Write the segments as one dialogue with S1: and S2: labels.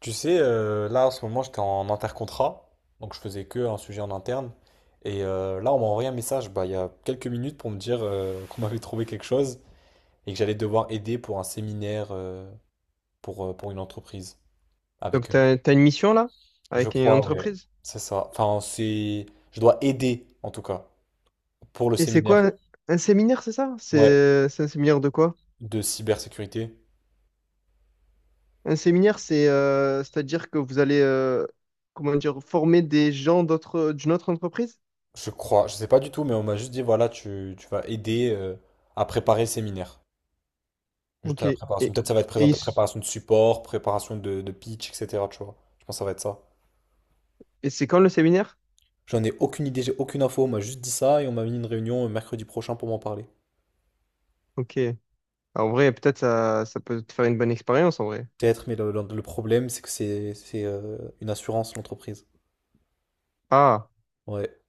S1: Tu sais, là en ce moment j'étais en intercontrat, donc je faisais que un sujet en interne. Et là on m'a envoyé un message bah, il y a quelques minutes pour me dire qu'on m'avait trouvé quelque chose et que j'allais devoir aider pour un séminaire pour une entreprise.
S2: Donc,
S1: Avec eux.
S2: t'as une mission là,
S1: Je
S2: avec une
S1: crois, ouais.
S2: entreprise.
S1: C'est ça. Enfin, c'est. Je dois aider en tout cas pour le
S2: Et c'est
S1: séminaire.
S2: quoi? Un séminaire, c'est ça?
S1: Ouais.
S2: C'est un séminaire de quoi?
S1: De cybersécurité.
S2: Un séminaire, c'est c'est-à-dire que vous allez comment dire former des gens d'une autre entreprise?
S1: Je crois. Je sais pas du tout, mais on m'a juste dit voilà, tu vas aider à préparer le séminaire. Juste
S2: OK.
S1: à la
S2: Et,
S1: préparation.
S2: et,
S1: Peut-être ça va être présent à
S2: ils
S1: la
S2: s-
S1: préparation de support, préparation de pitch, etc. Tu vois. Je pense que ça va être ça.
S2: et c'est quand le séminaire?
S1: J'en ai aucune idée, j'ai aucune info. On m'a juste dit ça et on m'a mis une réunion mercredi prochain pour m'en parler.
S2: OK. Ah, en vrai, peut-être ça peut te faire une bonne expérience en vrai.
S1: Peut-être, mais le problème, c'est que c'est une assurance, l'entreprise.
S2: Ah,
S1: Ouais,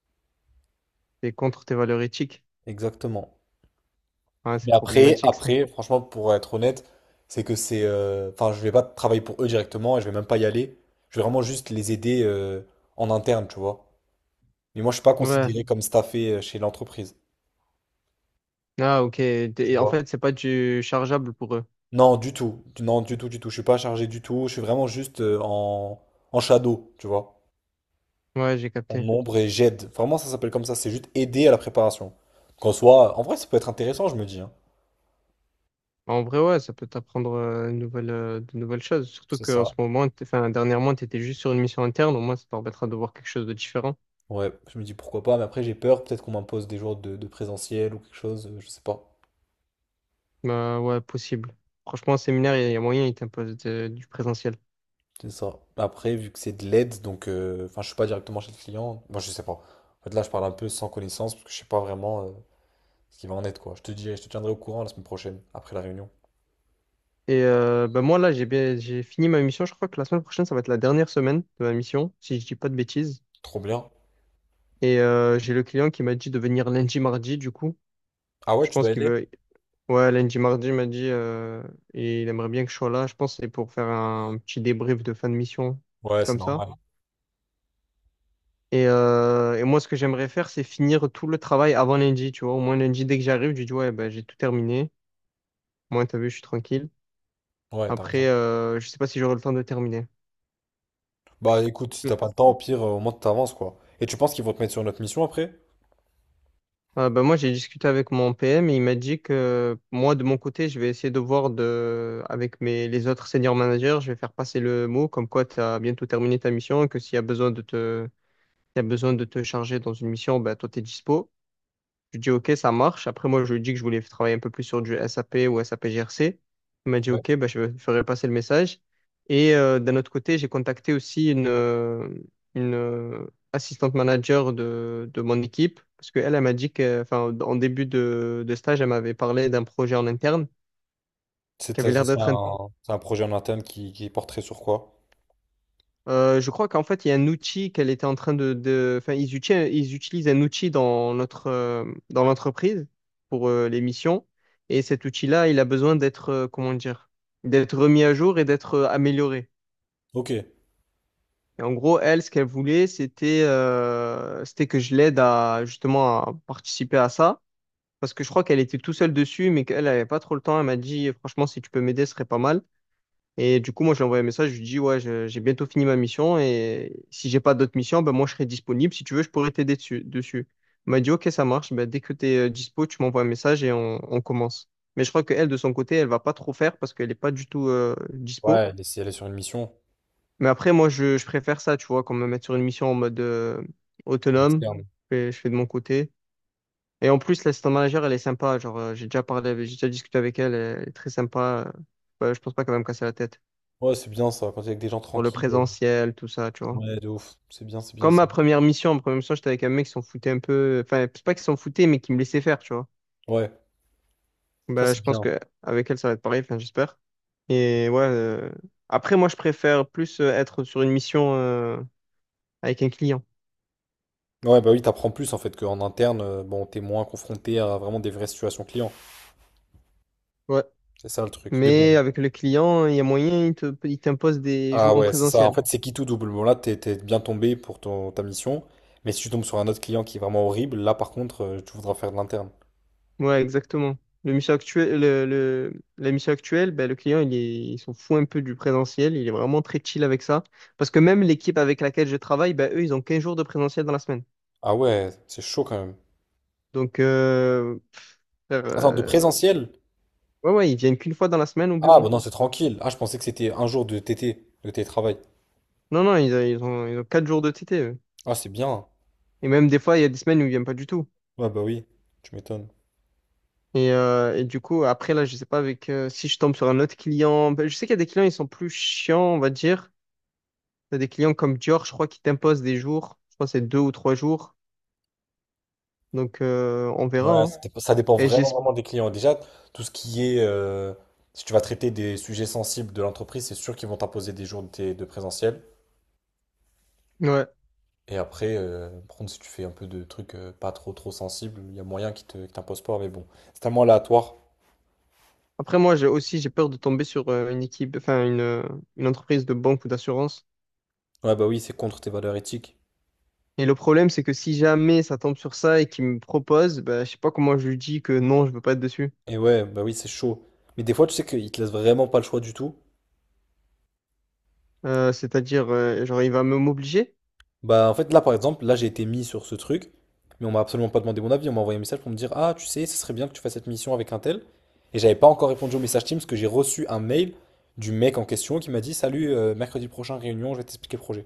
S2: c'est contre tes valeurs éthiques.
S1: exactement.
S2: Ouais,
S1: Mais
S2: c'est
S1: après,
S2: problématique ça.
S1: après, franchement, pour être honnête, c'est que c'est. Enfin, je vais pas travailler pour eux directement et je vais même pas y aller. Je vais vraiment juste les aider en interne, tu vois. Mais moi, je suis pas
S2: Ouais.
S1: considéré comme staffé chez l'entreprise.
S2: Ah, OK. Et en fait, c'est pas du chargeable pour eux.
S1: Non, du tout. Non, du tout, du tout. Je suis pas chargé du tout. Je suis vraiment juste en shadow, tu vois.
S2: Ouais, j'ai
S1: En
S2: capté.
S1: ombre et j'aide. Vraiment, ça s'appelle comme ça. C'est juste aider à la préparation. Qu'en soit, en vrai, ça peut être intéressant, je me dis, hein.
S2: Bah, en vrai, ouais, ça peut t'apprendre de nouvelles choses. Surtout
S1: C'est
S2: qu'en
S1: ça.
S2: ce moment, enfin, dernièrement, tu étais juste sur une mission interne. Au moins, ça te permettra de voir quelque chose de différent.
S1: Ouais, je me dis pourquoi pas. Mais après, j'ai peur. Peut-être qu'on m'impose des jours de présentiel ou quelque chose. Je sais pas.
S2: Bah, ouais, possible. Franchement, un séminaire, il y a moyen, il t'impose du présentiel.
S1: C'est ça. Après, vu que c'est de l'aide, donc. Enfin, je suis pas directement chez le client. Moi, je sais pas. En fait, là, je parle un peu sans connaissance parce que je sais pas vraiment ce qui va en être, quoi. Je te dirai, je te tiendrai au courant la semaine prochaine, après la réunion.
S2: Et bah, moi, là, j'ai fini ma mission. Je crois que la semaine prochaine, ça va être la dernière semaine de ma mission, si je dis pas de bêtises.
S1: Trop bien.
S2: Et j'ai le client qui m'a dit de venir lundi, mardi, du coup.
S1: Ah ouais,
S2: Je
S1: tu
S2: pense
S1: dois
S2: qu'il
S1: aider?
S2: veut. Ouais, lundi, mardi, il m'a dit. Et il aimerait bien que je sois là. Je pense que c'est pour faire un petit débrief de fin de mission, un truc
S1: Ouais, c'est
S2: comme ça.
S1: normal.
S2: Et, moi, ce que j'aimerais faire, c'est finir tout le travail avant lundi, tu vois. Au moins lundi, dès que j'arrive, je dis, ouais, ben, j'ai tout terminé. Moi, t'as vu, je suis tranquille.
S1: Ouais, t'as
S2: Après,
S1: raison.
S2: je sais pas si j'aurai le temps de terminer.
S1: Bah écoute, si t'as
S2: Mm.
S1: pas le temps, au pire, au moins t'avances quoi. Et tu penses qu'ils vont te mettre sur une autre mission après?
S2: Ah, ben, moi, j'ai discuté avec mon PM et il m'a dit que moi, de mon côté, je vais essayer de voir avec les autres senior managers, je vais faire passer le mot comme quoi tu as bientôt terminé ta mission, que s'il y a besoin de te charger dans une mission, ben, toi, t'es dispo. Je lui dis, OK, ça marche. Après, moi, je lui ai dit que je voulais travailler un peu plus sur du SAP ou SAP GRC. Il m'a dit,
S1: Ouais.
S2: OK, bah, je ferai passer le message. Et d'un autre côté, j'ai contacté aussi une assistante manager de mon équipe parce qu'elle, elle elle m'a dit que, enfin, en début de stage, elle m'avait parlé d'un projet en interne
S1: C'est
S2: qui avait
S1: ça
S2: l'air
S1: sera
S2: d'être.
S1: un, c'est un projet en interne qui porterait sur quoi?
S2: Je crois qu'en fait, il y a un outil qu'elle était en train de... Enfin, ils utilisent un outil dans dans l'entreprise pour les missions. Et cet outil-là, il a besoin comment dire, d'être remis à jour et d'être amélioré.
S1: Ok.
S2: Et en gros, elle, ce qu'elle voulait, c'était que je l'aide à justement à participer à ça. Parce que je crois qu'elle était tout seule dessus, mais qu'elle n'avait pas trop le temps. Elle m'a dit, franchement, si tu peux m'aider, ce serait pas mal. Et du coup, moi, je lui ai envoyé un message, je lui dis, ouais, j'ai bientôt fini ma mission et si j'ai pas d'autres missions, ben moi, je serai disponible. Si tu veux, je pourrais t'aider dessus. Elle m'a dit, OK, ça marche. Ben, dès que tu es dispo, tu m'envoies un message et on commence. Mais je crois qu'elle, de son côté, elle va pas trop faire parce qu'elle est pas du tout dispo.
S1: Ouais, elle est, si elle est sur une mission
S2: Mais après, moi, je préfère ça, tu vois, qu'on me mette sur une mission en mode autonome.
S1: externe.
S2: Je fais de mon côté. Et en plus, l'assistant manager, elle est sympa. Genre, j'ai déjà discuté avec elle. Elle est très sympa. Ouais, je pense pas qu'elle va me casser la tête
S1: Ouais, c'est bien ça, quand t'es avec des gens
S2: pour le
S1: tranquilles.
S2: présentiel, tout ça, tu vois.
S1: Ouais, de ouf. C'est bien
S2: Comme
S1: ça.
S2: ma première mission, j'étais avec un mec qui s'en foutait un peu. Enfin, c'est pas qu'il s'en foutait, mais qui me laissait faire, tu vois.
S1: Ouais, ça
S2: Bah,
S1: c'est
S2: je pense
S1: bien.
S2: que avec elle, ça va être pareil, enfin, j'espère. Et ouais. Après, moi, je préfère plus être sur une mission avec un client.
S1: Ouais, bah oui, t'apprends plus en fait qu'en interne, bon, t'es moins confronté à vraiment des vraies situations clients.
S2: Ouais.
S1: C'est ça le truc. Mais bon,
S2: Mais avec le client, il y a moyen, il t'impose des
S1: ah
S2: jours en
S1: ouais, c'est ça. En
S2: présentiel.
S1: fait, c'est qui tout double. Bon, là, t'es bien tombé pour ton, ta mission. Mais si tu tombes sur un autre client qui est vraiment horrible, là, par contre, tu voudras faire de l'interne.
S2: Ouais, exactement. Le mission actuel, le- la mission actuelle, ben, le client, il est, il s'en fout un peu du présentiel. Il est vraiment très chill avec ça. Parce que même l'équipe avec laquelle je travaille, ben, eux, ils ont 15 jours de présentiel dans la semaine.
S1: Ah ouais, c'est chaud quand même.
S2: Donc, frère,
S1: Attends, de présentiel?
S2: ouais, ouais, ils viennent qu'une fois dans la semaine au
S1: Ah
S2: bureau.
S1: bah non, c'est tranquille. Ah, je pensais que c'était un jour de TT, de télétravail.
S2: Non, non, ils ont 4 jours de TT. Eux.
S1: Ah, c'est bien.
S2: Et même des fois, il y a des semaines où ils viennent pas du tout.
S1: Ouais, bah oui, tu m'étonnes.
S2: Et, du coup, après, là, je sais pas avec si je tombe sur un autre client. Ben, je sais qu'il y a des clients, ils sont plus chiants, on va dire. Il y a des clients comme Dior, je crois, qui t'imposent des jours. Je crois que c'est 2 ou 3 jours. Donc, on verra.
S1: Ouais,
S2: Hein.
S1: ça dépend
S2: Et
S1: vraiment,
S2: j'espère.
S1: vraiment des clients. Déjà, tout ce qui est… si tu vas traiter des sujets sensibles de l'entreprise, c'est sûr qu'ils vont t'imposer des jours de présentiel.
S2: Ouais.
S1: Et après, par contre, si tu fais un peu de trucs pas trop trop sensibles, il y a moyen qu'ils te, qu'ils t'imposent pas, mais bon, c'est tellement aléatoire.
S2: Après, moi, j'ai peur de tomber sur une équipe, enfin, une entreprise de banque ou d'assurance.
S1: Ouais, bah oui, c'est contre tes valeurs éthiques.
S2: Et le problème, c'est que si jamais ça tombe sur ça et qu'il me propose, bah, je sais pas comment je lui dis que non, je veux pas être dessus.
S1: Et ouais, bah oui, c'est chaud. Mais des fois, tu sais qu'ils te laissent vraiment pas le choix du tout.
S2: C'est-à-dire, genre, il va me m'obliger?
S1: Bah en fait, là par exemple, là j'ai été mis sur ce truc, mais on m'a absolument pas demandé mon avis. On m'a envoyé un message pour me dire, ah, tu sais, ce serait bien que tu fasses cette mission avec un tel. Et j'avais pas encore répondu au message Teams parce que j'ai reçu un mail du mec en question qui m'a dit, salut, mercredi prochain, réunion, je vais t'expliquer le projet.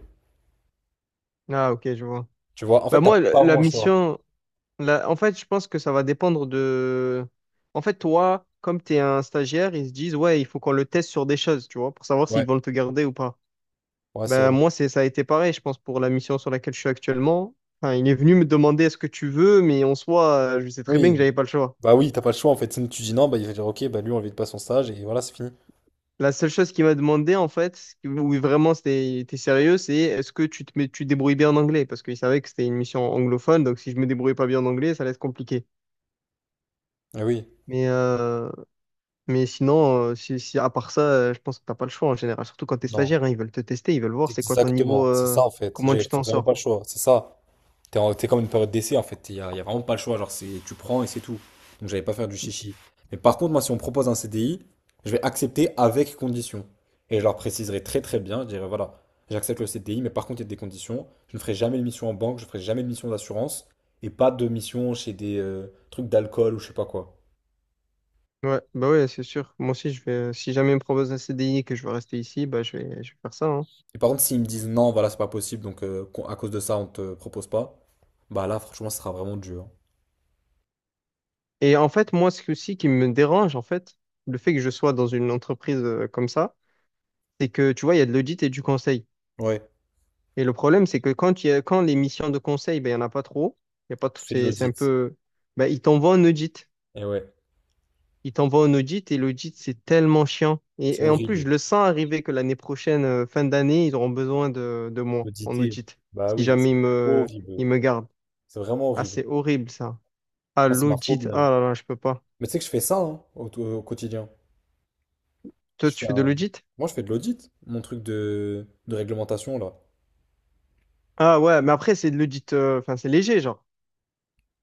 S2: Ah, OK, je vois.
S1: Tu vois, en fait,
S2: Bah,
S1: t'as
S2: moi,
S1: pas vraiment le choix.
S2: en fait, je pense que ça va dépendre de. En fait, toi, comme tu es un stagiaire, ils se disent, ouais, il faut qu'on le teste sur des choses, tu vois, pour savoir s'ils
S1: Ouais,
S2: vont te garder ou pas.
S1: ouais, c'est
S2: Bah,
S1: vrai.
S2: moi, ça a été pareil, je pense, pour la mission sur laquelle je suis actuellement. Enfin, il est venu me demander est-ce que tu veux, mais en soi, je sais très bien
S1: Oui,
S2: que j'avais pas le choix.
S1: bah oui, t'as pas le choix en fait. Sinon tu dis non, bah il va dire ok, bah lui on valide pas son stage et voilà, c'est fini.
S2: La seule chose qu'il m'a demandé, en fait, oui, vraiment c'était t'es sérieux, c'est est-ce que tu te débrouilles bien en anglais? Parce qu'il savait que c'était une mission anglophone, donc si je me débrouille pas bien en anglais, ça allait être compliqué.
S1: Ah oui,
S2: Mais, euh, mais, sinon, à part ça, je pense que t'as pas le choix en général, surtout quand t'es
S1: non,
S2: stagiaire, hein, ils veulent te tester, ils veulent voir c'est quoi ton niveau,
S1: exactement, c'est ça en fait.
S2: comment
S1: J'ai
S2: tu t'en
S1: vraiment pas
S2: sors.
S1: le choix, c'est ça. T'es comme une période d'essai en fait, y a vraiment pas le choix. Genre, c'est, tu prends et c'est tout. Donc j'allais pas faire du chichi. Mais par contre, moi si on me propose un CDI, je vais accepter avec conditions. Et je leur préciserai très très bien, je dirais voilà, j'accepte le CDI, mais par contre il y a des conditions. Je ne ferai jamais de mission en banque, je ferai jamais de mission d'assurance et pas de mission chez des trucs d'alcool ou je sais pas quoi.
S2: Ouais, bah ouais, c'est sûr. Moi aussi, je vais, si jamais ils me propose un CDI et que je veux rester ici, bah je vais faire ça, hein.
S1: Et par contre, s'ils me disent non, voilà, c'est pas possible, à cause de ça, on te propose pas, bah là, franchement, ce sera vraiment dur.
S2: Et en fait, moi, aussi qui me dérange, en fait, le fait que je sois dans une entreprise comme ça, c'est que, tu vois, il y a de l'audit et du conseil.
S1: Ouais.
S2: Et le problème, c'est que quand, il y a, quand les missions de conseil, ben, il n'y en a pas trop. Il y a pas
S1: Tu
S2: tout-
S1: fais de
S2: C'est un
S1: l'audit.
S2: peu. Ben, ils t'envoient un audit.
S1: Et ouais,
S2: Ils t'envoient un audit et l'audit, c'est tellement chiant.
S1: c'est
S2: Et, en plus,
S1: horrible.
S2: je le sens arriver que l'année prochaine, fin d'année, ils auront besoin de moi en
S1: Auditer.
S2: audit.
S1: Bah
S2: Si
S1: oui, c'est
S2: jamais ils me,
S1: horrible.
S2: ils me gardent.
S1: C'est vraiment
S2: Ah,
S1: horrible.
S2: c'est horrible, ça. Ah,
S1: Moi, c'est ma
S2: l'audit.
S1: phobie, hein.
S2: Ah là là, je peux pas.
S1: Mais tu sais que je fais ça hein, au quotidien.
S2: Toi,
S1: Je
S2: tu
S1: fais
S2: fais de
S1: un…
S2: l'audit?
S1: Moi, je fais de l'audit, mon truc de réglementation, là.
S2: Ah ouais, mais après, c'est de l'audit. Enfin, c'est léger, genre,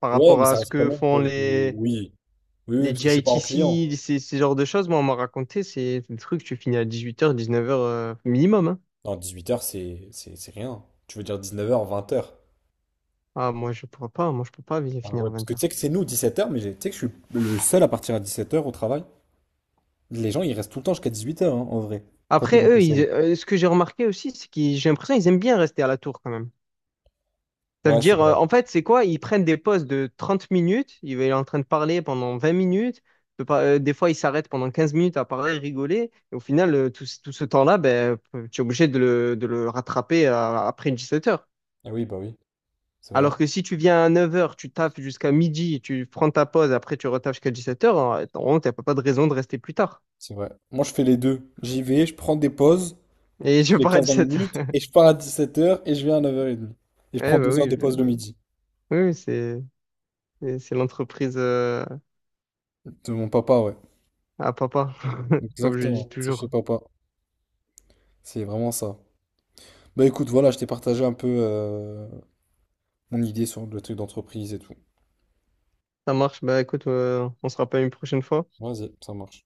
S2: par
S1: Ouais,
S2: rapport
S1: mais
S2: à
S1: ça
S2: ce
S1: reste quand
S2: que
S1: même
S2: font
S1: pour du…
S2: les
S1: Oui, oui, oui,
S2: Les
S1: parce que je suis pas en client.
S2: GITC, ces genres de choses, moi, on m'a raconté, c'est le truc, tu finis à 18h, 19h minimum. Hein.
S1: Non, 18 heures, c'est rien. Tu veux dire 19 heures, 20 heures?
S2: Ah, moi, je pourrais pas, moi, je peux pas
S1: Ah
S2: finir
S1: ouais,
S2: à
S1: parce que tu
S2: 20h.
S1: sais que c'est nous 17h, tu sais que je suis le seul à partir à 17h au travail. Les gens, ils restent tout le temps jusqu'à 18h, en vrai, quand t'es
S2: Après,
S1: dans ton
S2: eux,
S1: série.
S2: ce que j'ai remarqué aussi, c'est que j'ai l'impression qu'ils aiment bien rester à la tour quand même. Ça veut
S1: Ouais, c'est
S2: dire,
S1: vrai.
S2: en fait, c'est quoi? Ils prennent des pauses de 30 minutes, ils vont être en train de parler pendant 20 minutes. Peut pas- Des fois, ils s'arrêtent pendant 15 minutes à parler, rigoler. Et au final, ce tout ce temps-là, ben, tu es obligé de le rattraper après 17h.
S1: Ah oui, bah oui, c'est vrai,
S2: Alors que si tu viens à 9 heures, tu taffes jusqu'à midi, tu prends ta pause, après tu retaffes jusqu'à 17 heures. Normalement, t'as pas de raison de rester plus tard.
S1: c'est vrai. Moi, je fais les deux. J'y vais, je prends des pauses,
S2: Et
S1: je
S2: je
S1: fais
S2: pars à
S1: 15-20 minutes,
S2: 17h.
S1: et je pars à 17h et je viens à 9h30. Et
S2: Eh
S1: je prends
S2: ben
S1: 2 heures
S2: oui,
S1: de pause le
S2: oui,
S1: midi.
S2: oui, c'est l'entreprise
S1: De mon papa, ouais.
S2: à papa, comme je dis
S1: Exactement, c'est chez
S2: toujours.
S1: papa. C'est vraiment ça. Bah écoute, voilà, je t'ai partagé un peu mon idée sur le truc d'entreprise et tout.
S2: Ça marche, bah écoute, on se rappelle une prochaine fois.
S1: Vas-y, ça marche.